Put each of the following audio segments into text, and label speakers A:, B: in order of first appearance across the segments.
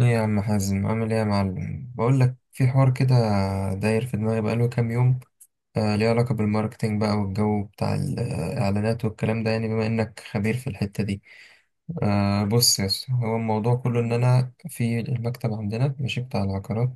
A: ايه يا عم حازم، عامل ايه يا معلم؟ بقول لك، في حوار كده داير في دماغي بقاله كام يوم. ليه علاقة بالماركتينج بقى، والجو بتاع الإعلانات والكلام ده، يعني بما إنك خبير في الحتة دي. بص يا اسطى، هو الموضوع كله إن أنا في المكتب عندنا ماشي بتاع العقارات.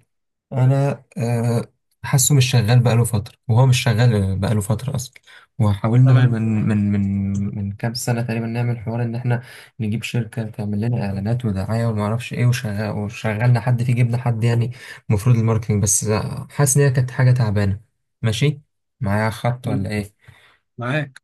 A: أنا حاسه مش شغال بقاله فترة، وهو مش شغال بقاله فترة أصلا. وحاولنا
B: تمام.
A: من كام سنة تقريبا نعمل حوار إن إحنا نجيب شركة تعمل لنا إعلانات ودعاية ومعرفش إيه، وشغال، وشغلنا حد فيه، جبنا حد يعني المفروض الماركتينج بس. حاسس إن هي كانت حاجة تعبانة. ماشي، معايا خط ولا ايه؟
B: معاك.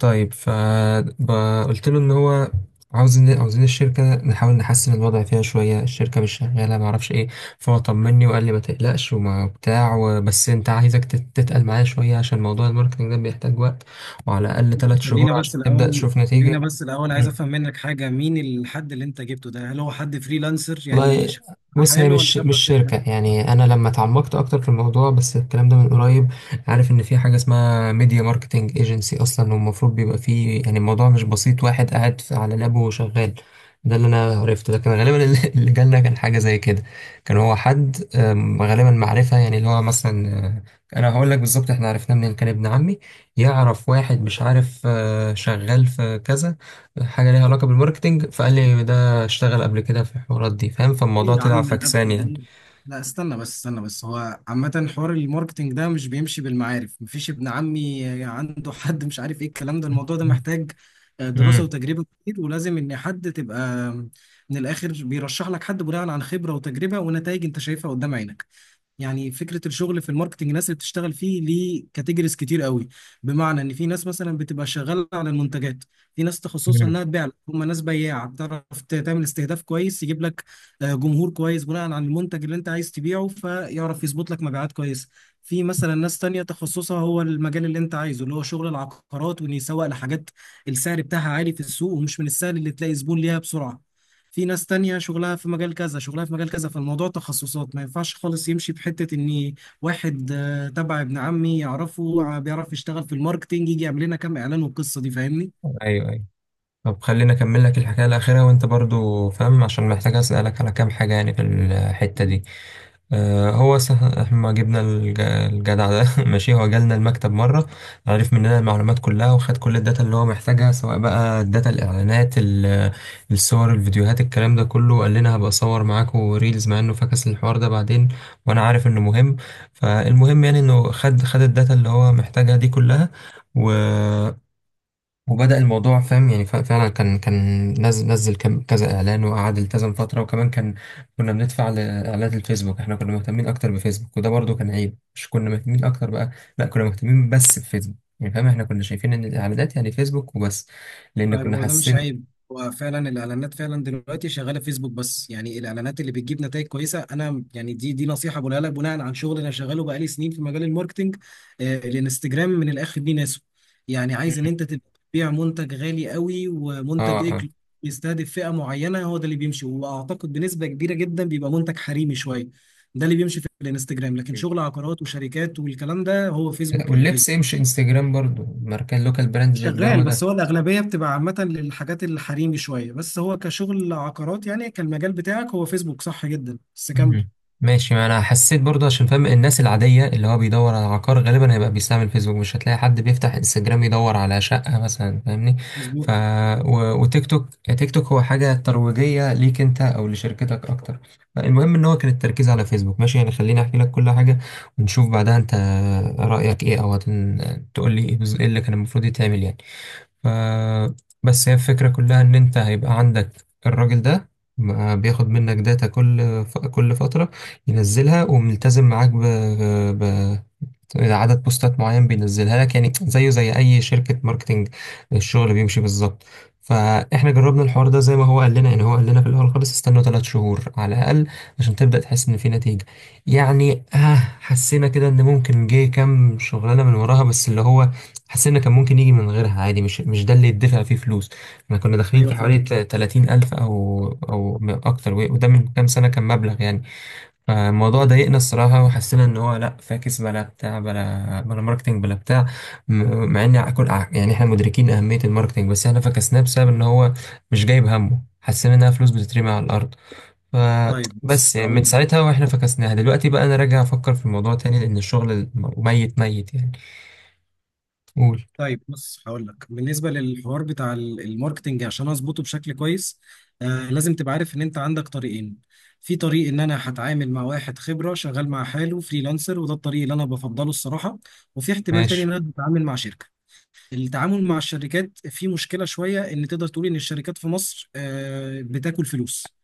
A: طيب فقلت له ان هو عاوزين الشركة نحاول نحسن الوضع فيها شوية، الشركة مش شغالة معرفش ايه. فهو طمني وقال لي ما تقلقش وما بتاع، وبس انت عايزك تتقل معايا شوية، عشان موضوع الماركتنج ده بيحتاج وقت، وعلى الأقل 3 شهور
B: خلينا بس
A: عشان تبدأ
B: الاول
A: تشوف
B: خلينا
A: نتيجة.
B: بس الاول عايز افهم منك حاجه، مين الحد اللي انت جبته ده؟ هل هو حد فريلانسر يعني
A: والله بص، هي
B: حاله ولا
A: مش
B: تبع شركه؟
A: شركة يعني، أنا لما اتعمقت أكتر في الموضوع بس الكلام ده من قريب، عارف إن في حاجة اسمها ميديا ماركتينج ايجنسي أصلا، والمفروض بيبقى فيه، يعني الموضوع مش بسيط، واحد قاعد على لابه وشغال. ده اللي أنا عرفته، لكن غالبا اللي اللي جالنا كان حاجة زي كده. كان هو حد، غالبا معرفة، يعني اللي هو مثلا، أنا هقول لك بالظبط إحنا عرفناه منين، كان ابن عمي يعرف واحد مش عارف، شغال في كذا حاجة ليها علاقة بالماركتينج، فقال لي ده اشتغل قبل كده في الحوارات دي، فاهم؟
B: ايه
A: فالموضوع
B: يا
A: طلع
B: عم الربح
A: فكسان يعني.
B: دي! لا استنى بس، استنى بس، هو عامه حوار الماركتينج ده مش بيمشي بالمعارف، مفيش ابن عمي عنده حد مش عارف ايه، الكلام ده الموضوع ده محتاج دراسه
A: امم
B: وتجربه كتير، ولازم ان حد تبقى من الاخر بيرشح لك حد بناء عن خبره وتجربه ونتائج انت شايفها قدام عينك. يعني فكره الشغل في الماركتنج، الناس اللي بتشتغل فيه ليه كاتيجوريز كتير قوي. بمعنى ان في ناس مثلا بتبقى شغاله على المنتجات، في ناس تخصصها
A: امم
B: انها تبيع، هم ناس بياعه بتعرف تعمل استهداف كويس، يجيب لك جمهور كويس بناء على المنتج اللي انت عايز تبيعه، فيعرف يظبط لك مبيعات كويسه. في مثلا ناس تانية تخصصها هو المجال اللي انت عايزه اللي هو شغل العقارات، وان يسوق لحاجات السعر بتاعها عالي في السوق ومش من السهل اللي تلاقي زبون ليها بسرعة. في ناس تانية شغلها في مجال كذا، شغلها في مجال كذا، فالموضوع تخصصات، ما ينفعش خالص يمشي بحتة ان واحد تبع ابن عمي يعرفه بيعرف يشتغل في الماركتينج يجي يعمل لنا كام اعلان والقصة دي، فاهمني؟
A: ايوه، ايوه. طب خليني اكمل لك الحكايه الاخيره وانت برضو فاهم، عشان محتاج اسالك على كام حاجه يعني في الحته دي. هو احنا ما جبنا الجدع ده ماشي. هو جالنا المكتب مرة، عرف مننا المعلومات كلها وخد كل الداتا اللي هو محتاجها، سواء بقى الداتا، الإعلانات، الصور، الفيديوهات، الكلام ده كله. وقال لنا هبقى أصور معاكم ريلز، مع إنه فكس الحوار ده بعدين، وأنا عارف إنه مهم. فالمهم يعني إنه خد الداتا اللي هو محتاجها دي كلها، وبدأ الموضوع فاهم. يعني فعلا كان نزل كذا اعلان، وقعد التزم فتره، وكمان كان كنا بندفع لاعلانات الفيسبوك. احنا كنا مهتمين اكتر بفيسبوك، وده برضو كان عيب، مش كنا مهتمين اكتر بقى، لا كنا مهتمين بس بفيسبوك يعني فاهم، احنا كنا شايفين ان الاعلانات يعني فيسبوك وبس، لان
B: طيب
A: كنا
B: هو ده مش
A: حاسين.
B: عيب، هو فعلا الاعلانات فعلا دلوقتي شغاله فيسبوك بس، يعني الاعلانات اللي بتجيب نتائج كويسه، انا يعني دي نصيحه بقولها لك بناء عن شغل انا شغاله بقالي سنين في مجال الماركتنج. الانستجرام من الاخر دي ناسه، يعني عايز ان انت تبقى تبيع منتج غالي قوي
A: اه،
B: ومنتج
A: اه.
B: اكل يستهدف فئه معينه، هو ده اللي بيمشي، واعتقد بنسبه كبيره جدا بيبقى منتج حريمي شويه، ده اللي بيمشي في الانستجرام. لكن شغل عقارات وشركات والكلام ده هو فيسبوك، يعني
A: واللبس ايه،
B: فيسبوك
A: مش انستجرام برضو ماركات لوكال براندز والجو
B: شغال، بس
A: ده.
B: هو الأغلبية بتبقى عامة للحاجات الحريمي شوية، بس هو كشغل عقارات يعني كان المجال بتاعك هو فيسبوك، صح جدا، بس كمل.
A: مم. ماشي، ما انا حسيت برضه، عشان فاهم الناس العاديه اللي هو بيدور على عقار غالبا هيبقى بيستعمل فيسبوك، مش هتلاقي حد بيفتح انستجرام يدور على شقه مثلا، فاهمني؟ ف
B: مظبوط.
A: وتيك توك. تيك توك هو حاجه ترويجيه ليك انت او لشركتك اكتر. المهم ان هو كان التركيز على فيسبوك، ماشي يعني. خليني احكي لك كل حاجه، ونشوف بعدها انت رايك ايه، او تقول لي ايه، إيه اللي كان المفروض يتعمل يعني. ف بس هي الفكرة كلها إن أنت هيبقى عندك الراجل ده ما بياخد منك داتا كل فترة، ينزلها، وملتزم معاك ب... إذا عدد بوستات معين بينزلها لك، يعني زيه زي اي شركة ماركتينج، الشغل بيمشي بالظبط. فاحنا جربنا الحوار ده زي ما هو قال لنا، يعني هو قال لنا في الاول خالص استنوا 3 شهور على الاقل عشان تبدا تحس ان في نتيجه. يعني آه، حسينا كده ان ممكن جه كام شغلانه من وراها، بس اللي هو حسينا كان ممكن يجي من غيرها عادي، مش ده اللي يدفع فيه فلوس. احنا كنا داخلين
B: أيوه
A: في حوالي
B: فاهم.
A: 30 الف او اكتر، وده من كام سنه كان مبلغ يعني. فالموضوع ضايقنا الصراحة، وحسينا إن هو لأ، فاكس بلا بتاع، بلا بلا ماركتينج بلا بتاع، مع إن كل، يعني إحنا مدركين أهمية الماركتينج، بس إحنا فكسناه بسبب إن هو مش جايب همه، حسينا إنها فلوس بتترمي على الأرض.
B: طيب بص
A: فبس يعني
B: هقول
A: من
B: لك،
A: ساعتها وإحنا فكسناها. دلوقتي بقى أنا راجع أفكر في الموضوع تاني، لأن الشغل ميت ميت يعني. قول.
B: طيب بص هقول لك بالنسبة للحوار بتاع الماركتينج عشان أظبطه بشكل كويس، لازم تبقى عارف إن أنت عندك طريقين. في طريق إن أنا هتعامل مع واحد خبرة شغال مع حاله فريلانسر، وده الطريق اللي أنا بفضله الصراحة. وفي احتمال تاني إن
A: ماشي.
B: أنا بتعامل مع شركة. التعامل مع الشركات في مشكلة شوية، إن تقدر تقول إن الشركات في مصر بتاكل فلوس.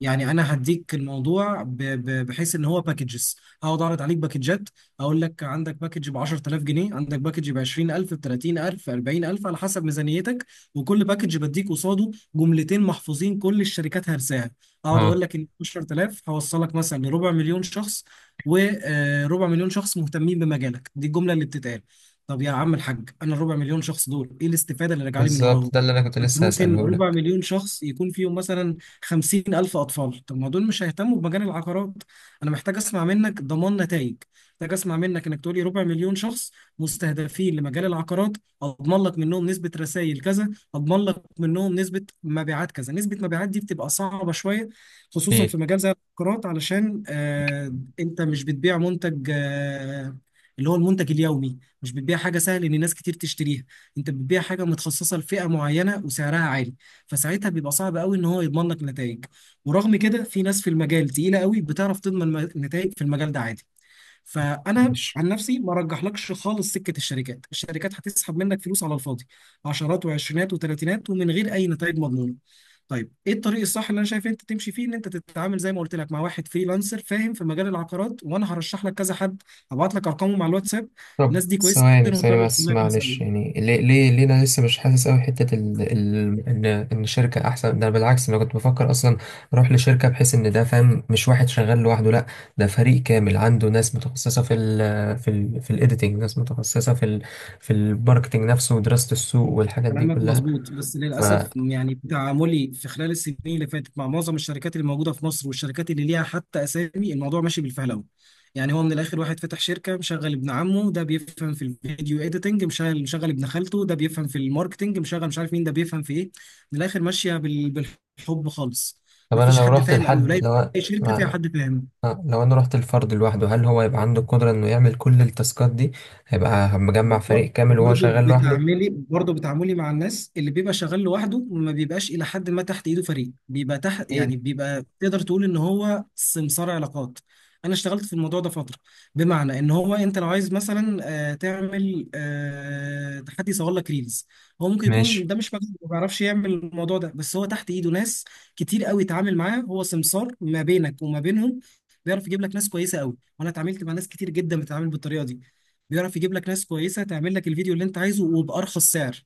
B: يعني انا هديك الموضوع بحيث ان هو باكجز، هقعد اعرض عليك باكجات، اقول لك عندك باكج ب 10000 جنيه، عندك باكج ب 20000، ب 30000، 40000 على حسب ميزانيتك، وكل باكج بديك قصاده جملتين محفوظين كل الشركات هرساها. اقعد
A: أه،
B: اقول لك ان 10000 هوصلك مثلا لربع مليون شخص، وربع مليون شخص مهتمين بمجالك، دي الجمله اللي بتتقال. طب يا عم الحاج انا الربع مليون شخص دول ايه الاستفاده اللي راجعه لي من
A: بالظبط،
B: وراهم؟
A: ده اللي أنا كنت
B: انت
A: لسه
B: ممكن
A: هسأله
B: ربع
A: لك.
B: مليون شخص يكون فيهم مثلا 50 ألف أطفال، طب ما دول مش هيهتموا بمجال العقارات. أنا محتاج أسمع منك ضمان نتائج، محتاج أسمع منك إنك تقولي ربع مليون شخص مستهدفين لمجال العقارات، أضمن لك منهم نسبة رسائل كذا، أضمن لك منهم نسبة مبيعات كذا. نسبة مبيعات دي بتبقى صعبة شوية، خصوصا
A: أكيد.
B: في مجال زي العقارات، علشان آه أنت مش بتبيع منتج آه اللي هو المنتج اليومي، مش بتبيع حاجة سهل إن ناس كتير تشتريها، انت بتبيع حاجه متخصصه لفئه معينه وسعرها عالي. فساعتها بيبقى صعب قوي ان هو يضمن لك نتائج، ورغم كده في ناس في المجال تقيله قوي بتعرف تضمن نتائج في المجال ده عادي. فانا
A: ماشي.
B: عن نفسي ما رجحلكش خالص سكه الشركات، الشركات هتسحب منك فلوس على الفاضي، عشرات وعشرينات وتلاتينات ومن غير اي نتائج مضمونه. طيب ايه الطريق الصح اللي انا شايف انت تمشي فيه؟ ان انت تتعامل زي ما قلت لك مع واحد فريلانسر فاهم في مجال العقارات، وانا هرشح لك كذا حد، هبعت لك ارقامه مع الواتساب.
A: طب
B: الناس دي كويسه
A: ثواني
B: جدا
A: ثواني
B: وفاهمه
A: بس
B: الشغلانه كويسه
A: معلش،
B: قوي.
A: يعني ليه انا لسه مش حاسس قوي حته ان شركه احسن ده، أنا بالعكس انا كنت بفكر اصلا اروح لشركه، بحيث ان ده فاهم مش واحد شغال لوحده، لا ده فريق كامل عنده ناس متخصصه في في الايديتنج، ناس متخصصه في في الماركتنج نفسه، ودراسه السوق والحاجات دي
B: كلامك
A: كلها.
B: مظبوط، بس
A: ف
B: للأسف يعني تعاملي في خلال السنين اللي فاتت مع معظم الشركات اللي موجودة في مصر والشركات اللي ليها حتى أسامي، الموضوع ماشي بالفهلوة. يعني هو من الآخر واحد فتح شركة، مشغل ابن عمه ده بيفهم في الفيديو إيديتنج، مشغل ابن خالته ده بيفهم في الماركتنج، مشغل مش عارف مين ده بيفهم في إيه، من الآخر ماشية بالحب خالص.
A: طب انا
B: مفيش
A: لو
B: حد
A: رحت
B: فاهم، قوي
A: لحد،
B: قليل
A: لو
B: أي شركة فيها
A: اسمع،
B: حد فاهم.
A: لو انا رحت الفرد لوحده، هل هو يبقى عنده القدره انه يعمل كل التاسكات دي؟ هيبقى مجمع فريق كامل وهو شغال لوحده؟
B: برضه بتعاملي مع الناس اللي بيبقى شغال لوحده، وما بيبقاش الى حد ما تحت ايده فريق بيبقى تحت،
A: أكيد.
B: يعني بيبقى تقدر تقول ان هو سمسار علاقات. انا اشتغلت في الموضوع ده فتره، بمعنى ان هو انت لو عايز مثلا تعمل تحدي يصور لك ريلز، هو ممكن يكون
A: ماشي،
B: ده مش مجال، ما بيعرفش يعمل الموضوع ده، بس هو تحت ايده ناس كتير قوي يتعامل معاه، هو سمسار ما بينك وما بينهم. بيعرف يجيب لك ناس كويسه قوي، وانا اتعاملت مع ناس كتير جدا بتتعامل بالطريقه دي، بيعرف يجيب لك ناس كويسه تعمل لك الفيديو اللي انت عايزه وبارخص سعر.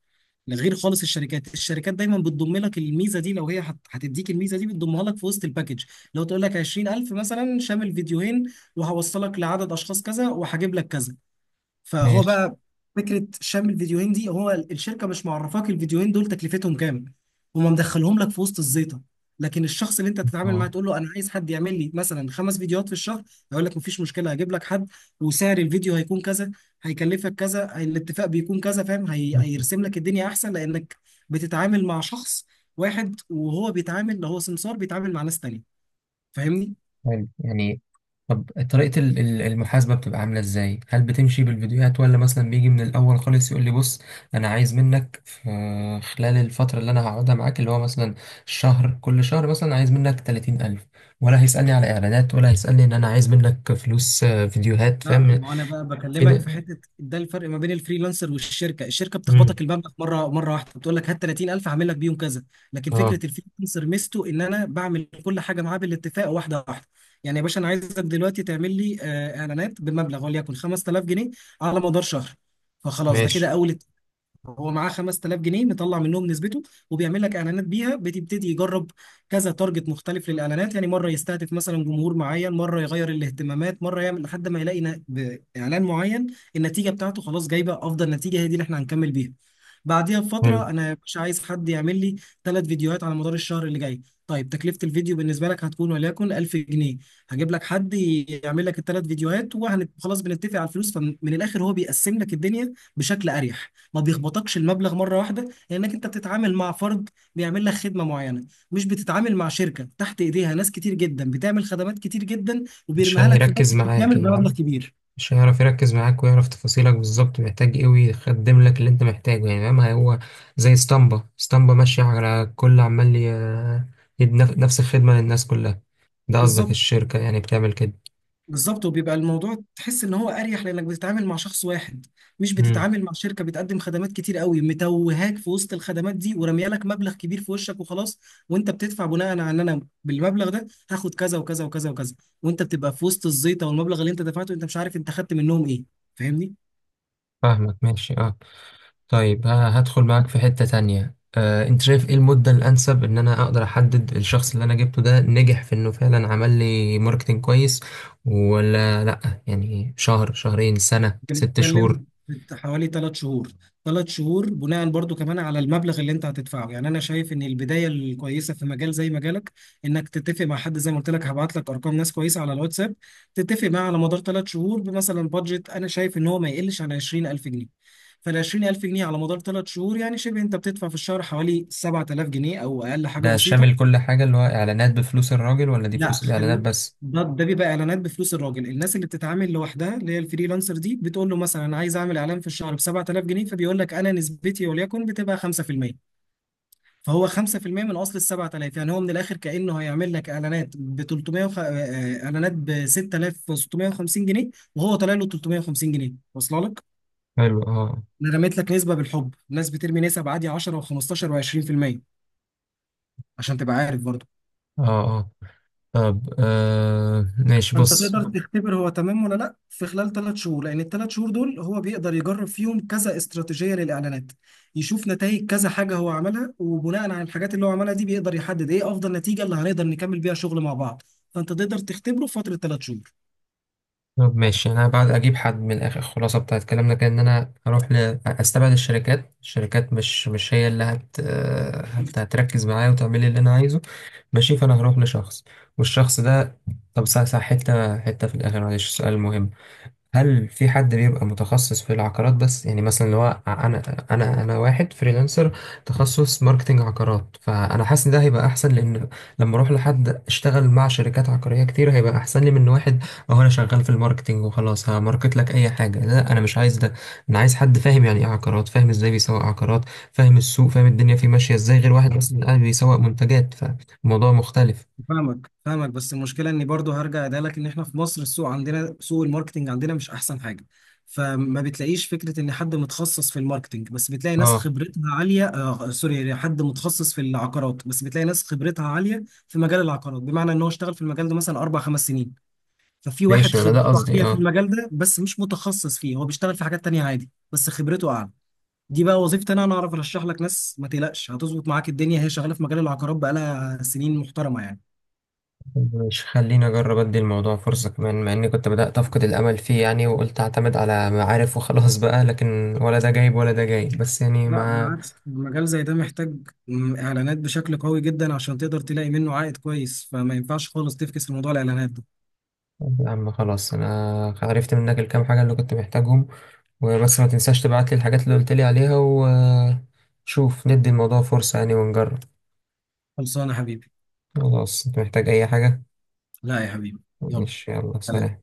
B: غير خالص الشركات، الشركات دايما بتضم لك الميزه دي، لو هي هتديك الميزه دي بتضمها لك في وسط الباكج، لو تقول لك 20000 مثلا شامل فيديوهين وهوصلك لعدد اشخاص كذا وهجيب لك كذا، فهو
A: ماشي.
B: بقى فكره شم الفيديوهين دي، هو الشركه مش معرفاك الفيديوهين دول تكلفتهم كام، هما مدخلهم لك في وسط الزيطه. لكن الشخص اللي انت تتعامل معاه
A: اه.
B: تقول له انا عايز حد يعمل لي مثلا 5 فيديوهات في الشهر، يقول لك مفيش مشكله هجيب لك حد، وسعر الفيديو هيكون كذا، هيكلفك كذا، الاتفاق بيكون كذا، فاهم؟ هيرسم لك الدنيا احسن لانك بتتعامل مع شخص واحد، وهو بيتعامل، هو سمسار بيتعامل مع ناس تانية، فاهمني؟
A: حلو يعني. طب طريقة المحاسبة بتبقى عاملة ازاي؟ هل بتمشي بالفيديوهات، ولا مثلا بيجي من الأول خالص يقول لي، بص أنا عايز منك في خلال الفترة اللي أنا هقعدها معاك اللي هو مثلا شهر، كل شهر مثلا عايز منك 30 ألف، ولا هيسألني على إعلانات، ولا هيسألني إن أنا عايز منك فلوس، فيديوهات؟
B: لا،
A: فاهم؟
B: ما انا بقى بكلمك في
A: فين.
B: حته ده الفرق ما بين الفريلانسر والشركه، الشركه
A: مم.
B: بتخبطك المبلغ مره واحده، بتقول لك هات 30000 هعمل لك بيهم كذا. لكن
A: اه،
B: فكره الفريلانسر ميزته ان انا بعمل كل حاجه معاه بالاتفاق واحده واحده. يعني يا باشا انا عايزك دلوقتي تعمل لي اعلانات بمبلغ وليكن 5000 جنيه على مدار شهر، فخلاص ده كده
A: ماشي.
B: اول، هو معاه 5000 جنيه مطلع منهم نسبته، وبيعمل لك اعلانات بيها بتبتدي يجرب كذا تارجت مختلف للاعلانات، يعني مره يستهدف مثلا جمهور معين، مره يغير الاهتمامات، مره يعمل لحد ما يلاقي باعلان معين النتيجه بتاعته خلاص جايبه افضل نتيجه، هي دي اللي احنا هنكمل بيها. بعديها
A: حلو.
B: بفتره انا مش عايز حد يعمل لي 3 فيديوهات على مدار الشهر اللي جاي، طيب تكلفه الفيديو بالنسبه لك هتكون وليكن 1000 جنيه، هجيب لك حد يعمل لك ال 3 فيديوهات، وخلاص بنتفق على الفلوس، فمن الاخر هو بيقسم لك الدنيا بشكل اريح، ما بيخبطكش المبلغ مره واحده، لانك انت بتتعامل مع فرد بيعمل لك خدمه معينه، مش بتتعامل مع شركه تحت ايديها ناس كتير جدا بتعمل خدمات كتير جدا
A: مش
B: وبيرميها لك في
A: هيركز
B: باكج
A: معاك
B: كامل بمبلغ
A: يعني،
B: كبير.
A: مش هيعرف يركز معاك ويعرف تفاصيلك بالظبط محتاج ايه، ويخدم لك اللي انت محتاجه يعني، فاهم؟ هو زي اسطمبة، اسطمبة ماشية على الكل، عمال يدي نفس الخدمة للناس كلها. ده قصدك
B: بالظبط.
A: الشركة يعني بتعمل كده؟
B: بالظبط، وبيبقى الموضوع تحس ان هو اريح لانك بتتعامل مع شخص واحد، مش
A: امم.
B: بتتعامل مع شركه بتقدم خدمات كتير قوي متوهاك في وسط الخدمات دي ورميه لك مبلغ كبير في وشك وخلاص. وانت بتدفع بناء على ان انا بالمبلغ ده هاخد كذا وكذا وكذا وكذا، وانت بتبقى في وسط الزيطه والمبلغ اللي انت دفعته انت مش عارف انت خدت منهم ايه، فاهمني؟
A: فاهمك، ماشي، اه. طيب هدخل معاك في حتة تانية، انت شايف ايه المدة الانسب ان انا اقدر احدد الشخص اللي انا جبته ده نجح في انه فعلا عمل لي ماركتينج كويس، ولا لا؟ يعني شهر، شهرين، سنة، 6 شهور؟
B: بنتكلم في حوالي 3 شهور، 3 شهور بناء برضو كمان على المبلغ اللي انت هتدفعه، يعني انا شايف ان البدايه الكويسه في مجال زي مجالك انك تتفق مع حد زي ما قلت لك، هبعت لك ارقام ناس كويسه على الواتساب، تتفق معاه على مدار 3 شهور بمثلا بادجت انا شايف ان هو ما يقلش عن 20000 جنيه، فال 20000 جنيه على مدار 3 شهور يعني شبه انت بتدفع في الشهر حوالي 7000 جنيه او اقل، حاجه
A: ده
B: بسيطه.
A: شامل كل حاجة، اللي هو إعلانات بفلوس الراجل، ولا دي
B: لا
A: فلوس الإعلانات
B: خل...
A: بس؟
B: ده بيبقى اعلانات بفلوس الراجل، الناس اللي بتتعامل لوحدها اللي هي الفريلانسر دي بتقول له مثلا انا عايز اعمل اعلان في الشهر ب 7000 جنيه، فبيقول لك انا نسبتي وليكن بتبقى 5%، فهو 5% من اصل ال 7000، يعني هو من الاخر كانه هيعمل لك اعلانات ب 300 وخ... آه، آه، اعلانات ب 6650 جنيه، وهو طالع له 350 جنيه واصله لك.
A: حلو، اه.
B: انا رميت لك نسبه بالحب، الناس بترمي نسب عادي 10 و15 و20%، عشان تبقى عارف برضه.
A: اه، اه. طب ماشي
B: فانت
A: بص.
B: تقدر تختبر هو تمام ولا لا في خلال 3 شهور، لان ال 3 شهور دول هو بيقدر يجرب فيهم كذا استراتيجيه للاعلانات، يشوف نتائج كذا حاجه هو عملها، وبناء على الحاجات اللي هو عملها دي بيقدر يحدد ايه افضل نتيجه اللي هنقدر نكمل بيها شغل مع بعض، فانت تقدر تختبره في فتره 3 شهور.
A: طب ماشي، انا بعد اجيب حد، من الاخر الخلاصه بتاعت كلامنا كان ان انا اروح استبعد الشركات، الشركات مش هي اللي هتركز معايا وتعمل لي اللي انا عايزه، ماشي. فانا هروح لشخص، والشخص ده، طب صح، صح، حته في الاخر معلش سؤال مهم، هل في حد بيبقى متخصص في العقارات بس، يعني مثلا اللي هو انا انا واحد فريلانسر تخصص ماركتنج عقارات، فانا حاسس ان ده هيبقى احسن، لان لما اروح لحد اشتغل مع شركات عقارية كتير هيبقى احسن لي من واحد، اهو انا شغال في الماركتنج وخلاص هماركت لك اي حاجة. لا، انا مش عايز ده. انا عايز حد فاهم يعني ايه عقارات، فاهم ازاي بيسوق عقارات، فاهم السوق، فاهم الدنيا فيه ماشية ازاي، غير واحد مثلا قاعد بيسوق منتجات فالموضوع مختلف.
B: فاهمك، فاهمك، بس المشكله اني برضو هرجع ده لك، ان احنا في مصر السوق عندنا سوق الماركتنج عندنا مش احسن حاجه، فما بتلاقيش فكره ان حد متخصص في الماركتنج بس، بتلاقي ناس
A: اه،
B: خبرتها عاليه، آه سوري، حد متخصص في العقارات بس بتلاقي ناس خبرتها عاليه في مجال العقارات، بمعنى ان هو اشتغل في المجال ده مثلا 4 5 سنين. ففي واحد
A: ماشي، انا ده
B: خبرته
A: قصدي،
B: عاليه في
A: اه.
B: المجال ده بس مش متخصص فيه، هو بيشتغل في حاجات تانية عادي بس خبرته اعلى. دي بقى وظيفتي انا، انا اعرف ارشح لك ناس، ما تقلقش هتظبط معاك الدنيا، هي شغاله في مجال العقارات بقالها سنين محترمه يعني.
A: مش خليني أجرب أدي الموضوع فرصة كمان، مع إني كنت بدأت أفقد الأمل فيه يعني، وقلت أعتمد على معارف وخلاص بقى، لكن ولا ده جايب ولا ده جايب، بس يعني
B: لا
A: مع.
B: بالعكس، المجال زي ده محتاج اعلانات بشكل قوي جدا عشان تقدر تلاقي منه عائد كويس، فما ينفعش خالص تفكس في موضوع الاعلانات ده.
A: يا عم خلاص أنا عرفت منك الكام حاجة اللي كنت محتاجهم، وبس ما تنساش تبعتلي الحاجات اللي قلتلي عليها، وشوف ندي الموضوع فرصة يعني ونجرب.
B: خلصانه يا حبيبي.
A: خلاص، أنت محتاج أي حاجة؟
B: لا يا حبيبي، يلا.
A: ماشي، يلا، سلام.
B: سلام.